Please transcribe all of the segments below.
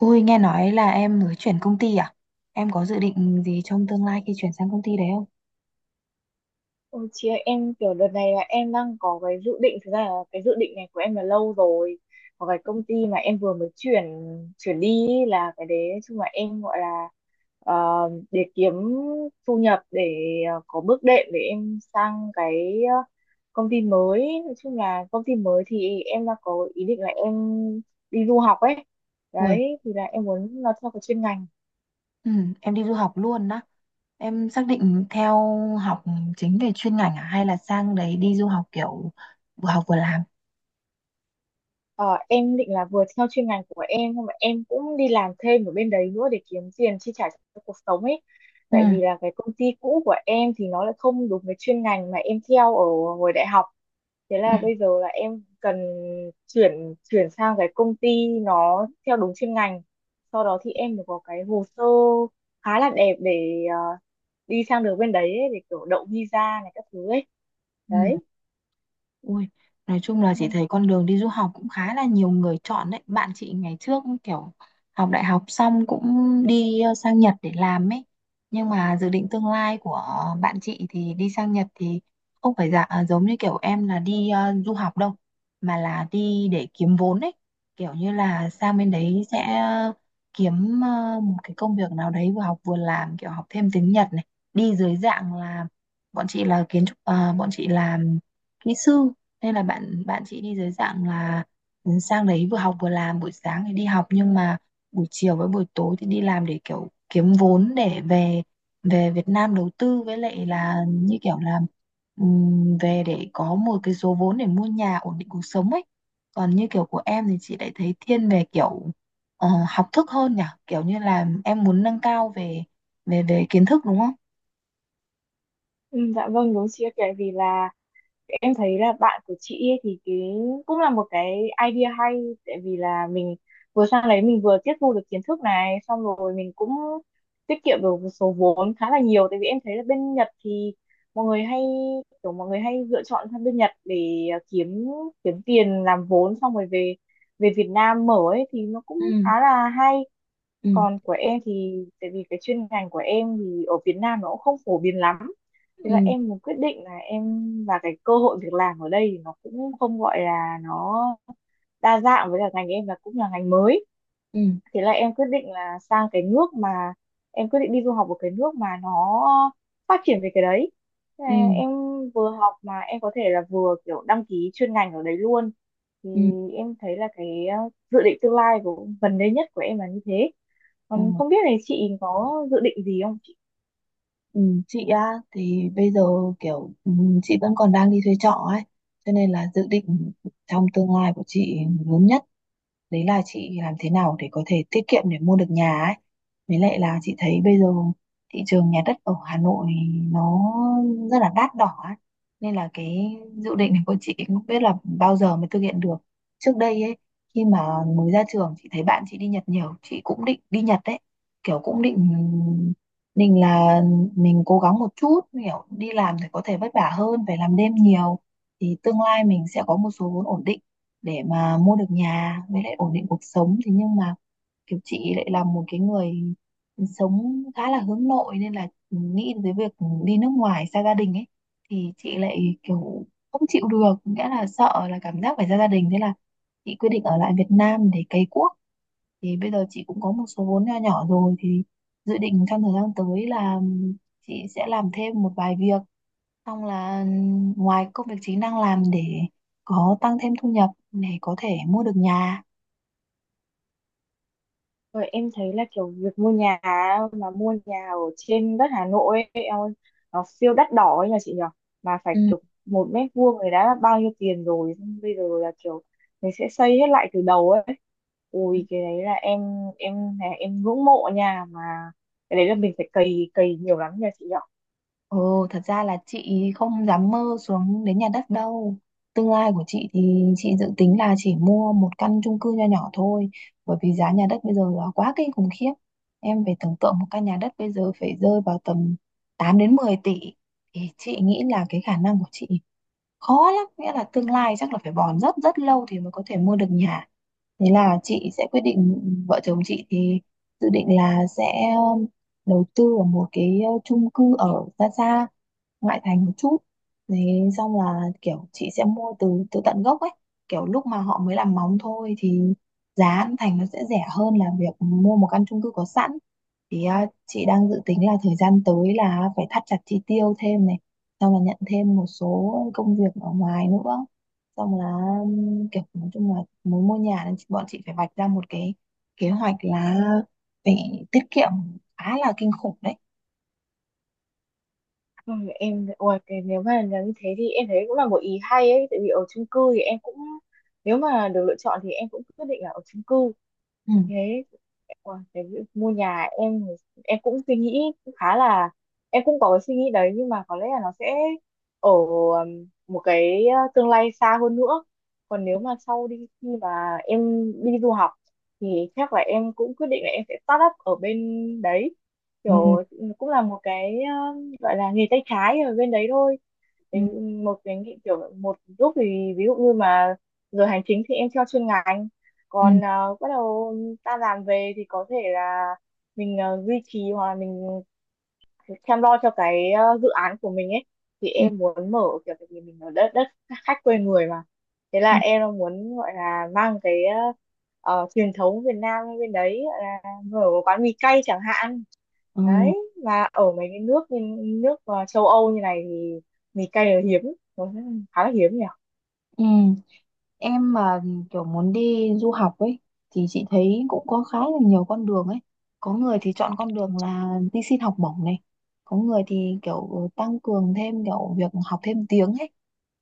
Ui, nghe nói là em mới chuyển công ty à? Em có dự định gì trong tương lai khi chuyển sang công ty đấy không? Ôi chị ơi, em kiểu đợt này là em đang có cái dự định, thực ra là cái dự định này của em là lâu rồi. Có cái công ty mà em vừa mới chuyển chuyển đi ý, là cái đấy nói chung là em gọi là ờ, để kiếm thu nhập để có bước đệm để em sang cái công ty mới. Nói chung là công ty mới thì em đang có ý định là em đi du học ấy. Ui, Đấy, thì là em muốn nó theo cái chuyên ngành. ừ, em đi du học luôn đó. Em xác định theo học chính về chuyên ngành à? Hay là sang đấy đi du học kiểu vừa học vừa làm? Ờ, em định là vừa theo chuyên ngành của em nhưng mà em cũng đi làm thêm ở bên đấy nữa để kiếm tiền chi trả cho cuộc sống ấy. Ừ, Tại vì là cái công ty cũ của em thì nó lại không đúng với chuyên ngành mà em theo ở hồi đại học. Thế ừ, là bây giờ là em cần chuyển chuyển sang cái công ty nó theo đúng chuyên ngành. Sau đó thì em mới có cái hồ sơ khá là đẹp để đi sang được bên đấy ấy, để kiểu đậu visa này các thứ ấy. ừ. Đấy. Ui, nói chung là Ừ. chị thấy con đường đi du học cũng khá là nhiều người chọn đấy. Bạn chị ngày trước kiểu học đại học xong cũng đi sang Nhật để làm ấy. Nhưng mà dự định tương lai của bạn chị thì đi sang Nhật thì không phải dạ à, giống như kiểu em là đi du học đâu, mà là đi để kiếm vốn ấy. Kiểu như là sang bên đấy sẽ kiếm một cái công việc nào đấy vừa học vừa làm, kiểu học thêm tiếng Nhật này. Đi dưới dạng là bọn chị là kiến trúc, bọn chị làm kỹ sư, nên là bạn bạn chị đi dưới dạng là sang đấy vừa học vừa làm, buổi sáng thì đi học nhưng mà buổi chiều với buổi tối thì đi làm để kiểu kiếm vốn để về về Việt Nam đầu tư, với lại là như kiểu là về để có một cái số vốn để mua nhà ổn định cuộc sống ấy. Còn như kiểu của em thì chị lại thấy thiên về kiểu học thức hơn nhỉ, kiểu như là em muốn nâng cao về về về kiến thức, đúng không? Ừ, dạ vâng đúng chị ạ, tại vì là em thấy là bạn của chị ấy thì cái cũng là một cái idea hay, tại vì là mình vừa sang đấy mình vừa tiếp thu được kiến thức này, xong rồi mình cũng tiết kiệm được một số vốn khá là nhiều. Tại vì em thấy là bên Nhật thì mọi người hay kiểu mọi người hay lựa chọn sang bên Nhật để kiếm kiếm tiền làm vốn xong rồi về về Việt Nam mở ấy, thì nó Ừ, cũng khá là hay. ừ, Còn của em thì tại vì cái chuyên ngành của em thì ở Việt Nam nó cũng không phổ biến lắm, thế là ừ, em muốn quyết định là em và cái cơ hội việc làm ở đây thì nó cũng không gọi là nó đa dạng, với cả ngành em là cũng là ngành mới. ừ, Thế là em quyết định là sang cái nước mà em quyết định đi du học ở cái nước mà nó phát triển về cái đấy. Thế là ừ, em vừa học mà em có thể là vừa kiểu đăng ký chuyên ngành ở đấy luôn, thì ừ, em thấy là cái dự định tương lai của gần đây nhất của em là như thế. ừ. Còn không biết là chị có dự định gì không chị? Ừ, chị á thì bây giờ kiểu chị vẫn còn đang đi thuê trọ ấy, cho nên là dự định trong tương lai của chị lớn nhất đấy là chị làm thế nào để có thể tiết kiệm để mua được nhà ấy. Với lại là chị thấy bây giờ thị trường nhà đất ở Hà Nội nó rất là đắt đỏ ấy. Nên là cái dự định này của chị cũng không biết là bao giờ mới thực hiện được. Trước đây ấy, khi mà mới ra trường, chị thấy bạn chị đi Nhật nhiều, chị cũng định đi Nhật đấy, kiểu cũng định định là mình cố gắng một chút, kiểu đi làm thì có thể vất vả hơn, phải làm đêm nhiều thì tương lai mình sẽ có một số vốn ổn định để mà mua được nhà với lại ổn định cuộc sống. Thế nhưng mà kiểu chị lại là một cái người sống khá là hướng nội, nên là nghĩ tới việc đi nước ngoài xa gia đình ấy thì chị lại kiểu không chịu được, nghĩa là sợ là cảm giác phải xa gia đình. Thế là chị quyết định ở lại Việt Nam để cày cuốc. Thì bây giờ chị cũng có một số vốn nho nhỏ rồi thì dự định trong thời gian tới là chị sẽ làm thêm một vài việc. Xong là ngoài công việc chính đang làm để có tăng thêm thu nhập để có thể mua được nhà. Rồi em thấy là kiểu việc mua nhà á, mà mua nhà ở trên đất Hà Nội ấy, em ơi, nó siêu đắt đỏ ấy nhờ chị nhở, mà phải Ừ. kiểu một mét vuông này đã bao nhiêu tiền rồi, xong bây giờ là kiểu mình sẽ xây hết lại từ đầu ấy. Ui cái đấy là em là em ngưỡng mộ nhà mà, cái đấy là mình phải cày cày nhiều lắm nhờ chị nhở. Ồ, thật ra là chị không dám mơ xuống đến nhà đất đâu. Tương lai của chị thì chị dự tính là chỉ mua một căn chung cư nho nhỏ thôi, bởi vì giá nhà đất bây giờ là quá kinh khủng khiếp. Em phải tưởng tượng một căn nhà đất bây giờ phải rơi vào tầm 8 đến 10 tỷ. Thì chị nghĩ là cái khả năng của chị khó lắm, nghĩa là tương lai chắc là phải bòn rất rất lâu thì mới có thể mua được nhà. Thế là chị sẽ quyết định, vợ chồng chị thì dự định là sẽ um, đầu tư ở một cái chung cư ở xa xa ngoại thành một chút đấy. Xong là kiểu chị sẽ mua từ từ tận gốc ấy, kiểu lúc mà họ mới làm móng thôi thì giá ăn thành nó sẽ rẻ hơn là việc mua một căn chung cư có sẵn. Thì chị đang dự tính là thời gian tới là phải thắt chặt chi tiêu thêm này, xong là nhận thêm một số công việc ở ngoài nữa, xong là kiểu nói chung là muốn mua nhà nên bọn chị phải vạch ra một cái kế hoạch là phải tiết kiệm khá là kinh khủng đấy. Ừ, em ôi cái nếu mà là như thế thì em thấy cũng là một ý hay ấy, tại vì ở chung cư thì em cũng nếu mà được lựa chọn thì em cũng quyết định là ở chung cư Ừ. thế. Ủa, cái việc mua nhà em cũng suy nghĩ cũng khá là em cũng có cái suy nghĩ đấy, nhưng mà có lẽ là nó sẽ ở một cái tương lai xa hơn nữa. Còn nếu mà sau đi khi mà em đi du học thì chắc là em cũng quyết định là em sẽ start up ở bên đấy, Ừ. kiểu cũng là một cái gọi là nghề tay trái ở bên đấy thôi. Ừ. Cái một cái nghị kiểu một lúc thì ví dụ như mà giờ hành chính thì em theo chuyên ngành, Ừ. còn bắt đầu ta làm về thì có thể là mình duy trì hoặc là mình chăm lo cho cái dự án của mình ấy, thì em muốn mở kiểu, tại vì mình ở đất đất khách quê người mà. Thế là Ừ. em muốn gọi là mang cái truyền thống Việt Nam bên đấy, gọi là mở một quán mì cay chẳng hạn. Ừ, Đấy mà ở mấy cái nước như, nước châu Âu như này thì mì cay là hiếm, nó khá là hiếm nhỉ. ừ. Em mà kiểu muốn đi du học ấy thì chị thấy cũng có khá là nhiều con đường ấy. Có người thì chọn con đường là đi xin học bổng này. Có người thì kiểu tăng cường thêm kiểu việc học thêm tiếng ấy,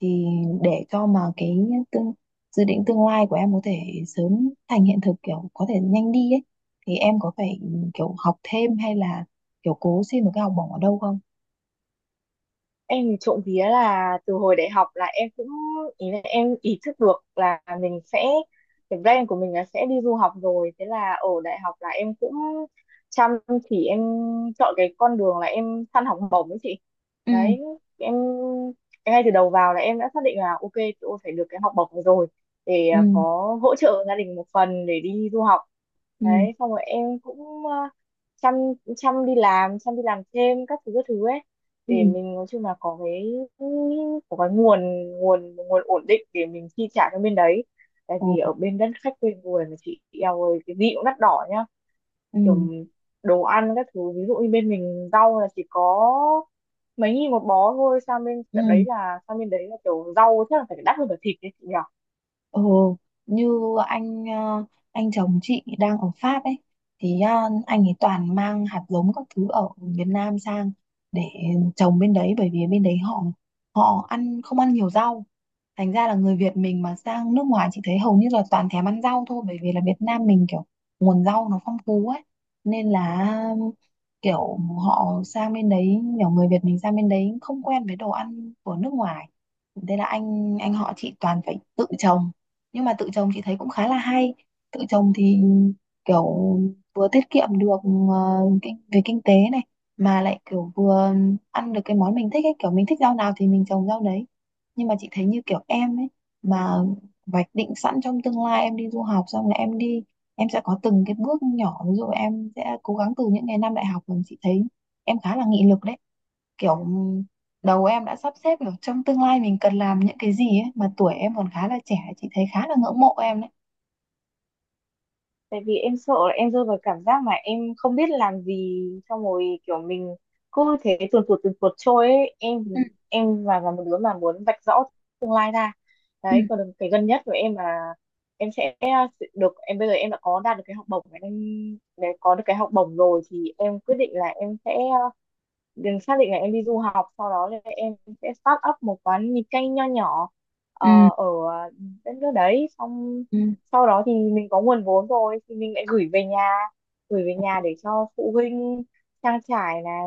thì để cho mà cái tương, dự định tương lai của em có thể sớm thành hiện thực, kiểu có thể nhanh đi ấy, thì em có phải kiểu học thêm hay là kiểu cố xin một cái học bổng ở đâu không? Em thì trộm vía là từ hồi đại học là em cũng ý là em ý thức được là mình sẽ cái plan của mình là sẽ đi du học rồi, thế là ở đại học là em cũng chăm chỉ em chọn cái con đường là em săn học bổng ấy chị. Ừ, Đấy em ngay từ đầu vào là em đã xác định là ok, tôi phải được cái học bổng này rồi để ừ, có hỗ trợ gia đình một phần để đi du học. ừ, Đấy xong rồi em cũng chăm chăm đi làm thêm các thứ ấy, để ừ, mình nói chung là có cái nguồn nguồn nguồn ổn định để mình chi trả cho bên đấy. Tại ồ, vì ở bên đất khách quê người mà chị, eo ơi cái gì cũng đắt đỏ nhá, ừ, kiểu đồ ăn các thứ. Ví dụ như bên mình rau là chỉ có mấy nghìn một bó thôi, sang bên ừ. tận đấy là sang bên đấy là kiểu rau chắc là phải đắt hơn cả thịt đấy chị nhỉ. Ồ, như anh ờ, anh chồng chị đang ở Pháp ấy, thì anh ấy toàn mang hạt giống các thứ ở Việt Nam sang để trồng bên đấy, bởi vì bên đấy họ họ ăn không ăn nhiều rau. Thành ra là người Việt mình mà sang nước ngoài, chị thấy hầu như là toàn thèm ăn rau thôi, bởi vì là Việt Nam mình kiểu nguồn rau nó phong phú ấy. Nên là kiểu họ sang bên đấy, kiểu người Việt mình sang bên đấy không quen với đồ ăn của nước ngoài. Thế là anh họ chị toàn phải tự trồng, nhưng mà tự trồng chị thấy cũng khá là hay. Tự trồng thì kiểu vừa tiết kiệm được ờ, về kinh tế này, mà lại kiểu vừa ăn được cái món mình thích ấy, kiểu mình thích rau nào thì mình trồng rau đấy. Nhưng mà chị thấy như kiểu em ấy, mà vạch định sẵn trong tương lai em đi du học, xong là em đi em sẽ có từng cái bước nhỏ, ví dụ em sẽ cố gắng từ những ngày năm đại học mình, chị thấy em khá là nghị lực đấy, kiểu đầu em đã sắp xếp kiểu trong tương lai mình cần làm những cái gì ấy, mà tuổi em còn khá là trẻ, chị thấy khá là ngưỡng mộ em đấy. Tại vì em sợ là em rơi vào cảm giác mà em không biết làm gì, xong rồi kiểu mình cứ thế tuần tuột trôi ấy em. Ừ, Em và là một đứa mà muốn vạch rõ tương lai ra. ừ, Đấy còn cái gần nhất của em là em sẽ được em bây giờ em đã có đạt được cái học bổng em, để có được cái học bổng rồi thì em quyết định là em sẽ đừng xác định là em đi du học, sau đó là em sẽ start up một quán mì canh nho nhỏ, ờ, ừ, ở đất nước đấy. Xong ừ. sau đó thì mình có nguồn vốn rồi thì mình lại gửi về nhà để cho phụ huynh trang trải này,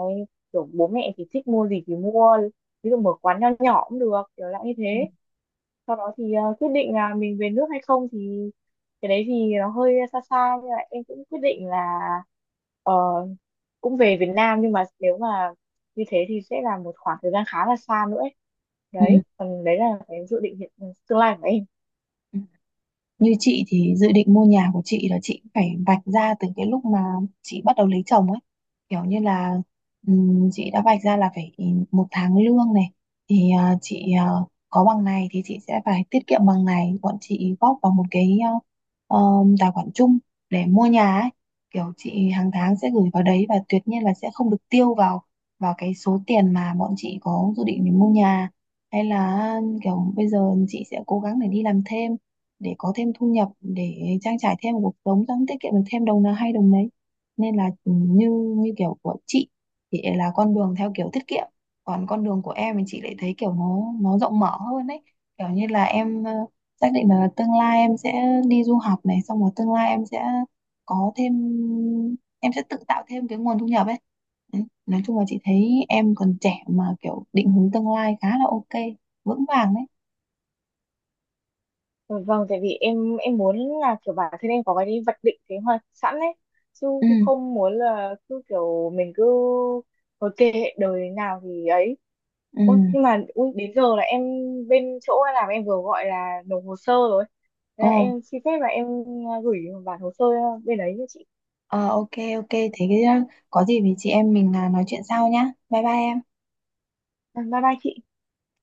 kiểu bố mẹ thì thích mua gì thì mua, ví dụ mở quán nho nhỏ cũng được kiểu dạng như Ừ. thế. Sau đó thì quyết định là mình về nước hay không thì cái đấy thì nó hơi xa xa, nhưng mà em cũng quyết định là ờ, cũng về Việt Nam, nhưng mà nếu mà như thế thì sẽ là một khoảng thời gian khá là xa nữa ấy. Đấy còn đấy là cái dự định hiện ừ, tương lai của em. Ừ. Như chị thì dự định mua nhà của chị là chị phải vạch ra từ cái lúc mà chị bắt đầu lấy chồng ấy. Kiểu như là chị đã vạch ra là phải một tháng lương này thì chị có bằng này thì chị sẽ phải tiết kiệm bằng này, bọn chị góp vào một cái tài khoản chung để mua nhà ấy. Kiểu chị hàng tháng sẽ gửi vào đấy và tuyệt nhiên là sẽ không được tiêu vào vào cái số tiền mà bọn chị có dự định để mua nhà, hay là kiểu bây giờ chị sẽ cố gắng để đi làm thêm để có thêm thu nhập để trang trải thêm cuộc sống, tăng tiết kiệm được thêm đồng nào hay đồng đấy. Nên là như như kiểu của chị thì là con đường theo kiểu tiết kiệm, còn con đường của em thì chị lại thấy kiểu nó rộng mở hơn đấy, kiểu như là em xác định là tương lai em sẽ đi du học này, xong rồi tương lai em sẽ có thêm em sẽ tự tạo thêm cái nguồn thu nhập ấy. Đấy, nói chung là chị thấy em còn trẻ mà kiểu định hướng tương lai khá là ok, vững vàng đấy. Ừ, vâng tại vì em muốn là kiểu bản thân em có cái đi vạch định kế hoạch sẵn ấy, chứ Ừ, cũng không muốn là cứ kiểu mình cứ thôi kệ đời nào thì ấy. Ôi, ừ. nhưng mà ui, đến giờ là em bên chỗ em làm em vừa gọi là nộp hồ sơ rồi. Thế là Ồ. em xin phép là em gửi bản hồ sơ bên đấy cho chị. Ờ, ok, ok, thế có gì thì chị em mình nói chuyện sau nhá. Bye bye em. À, bye bye chị.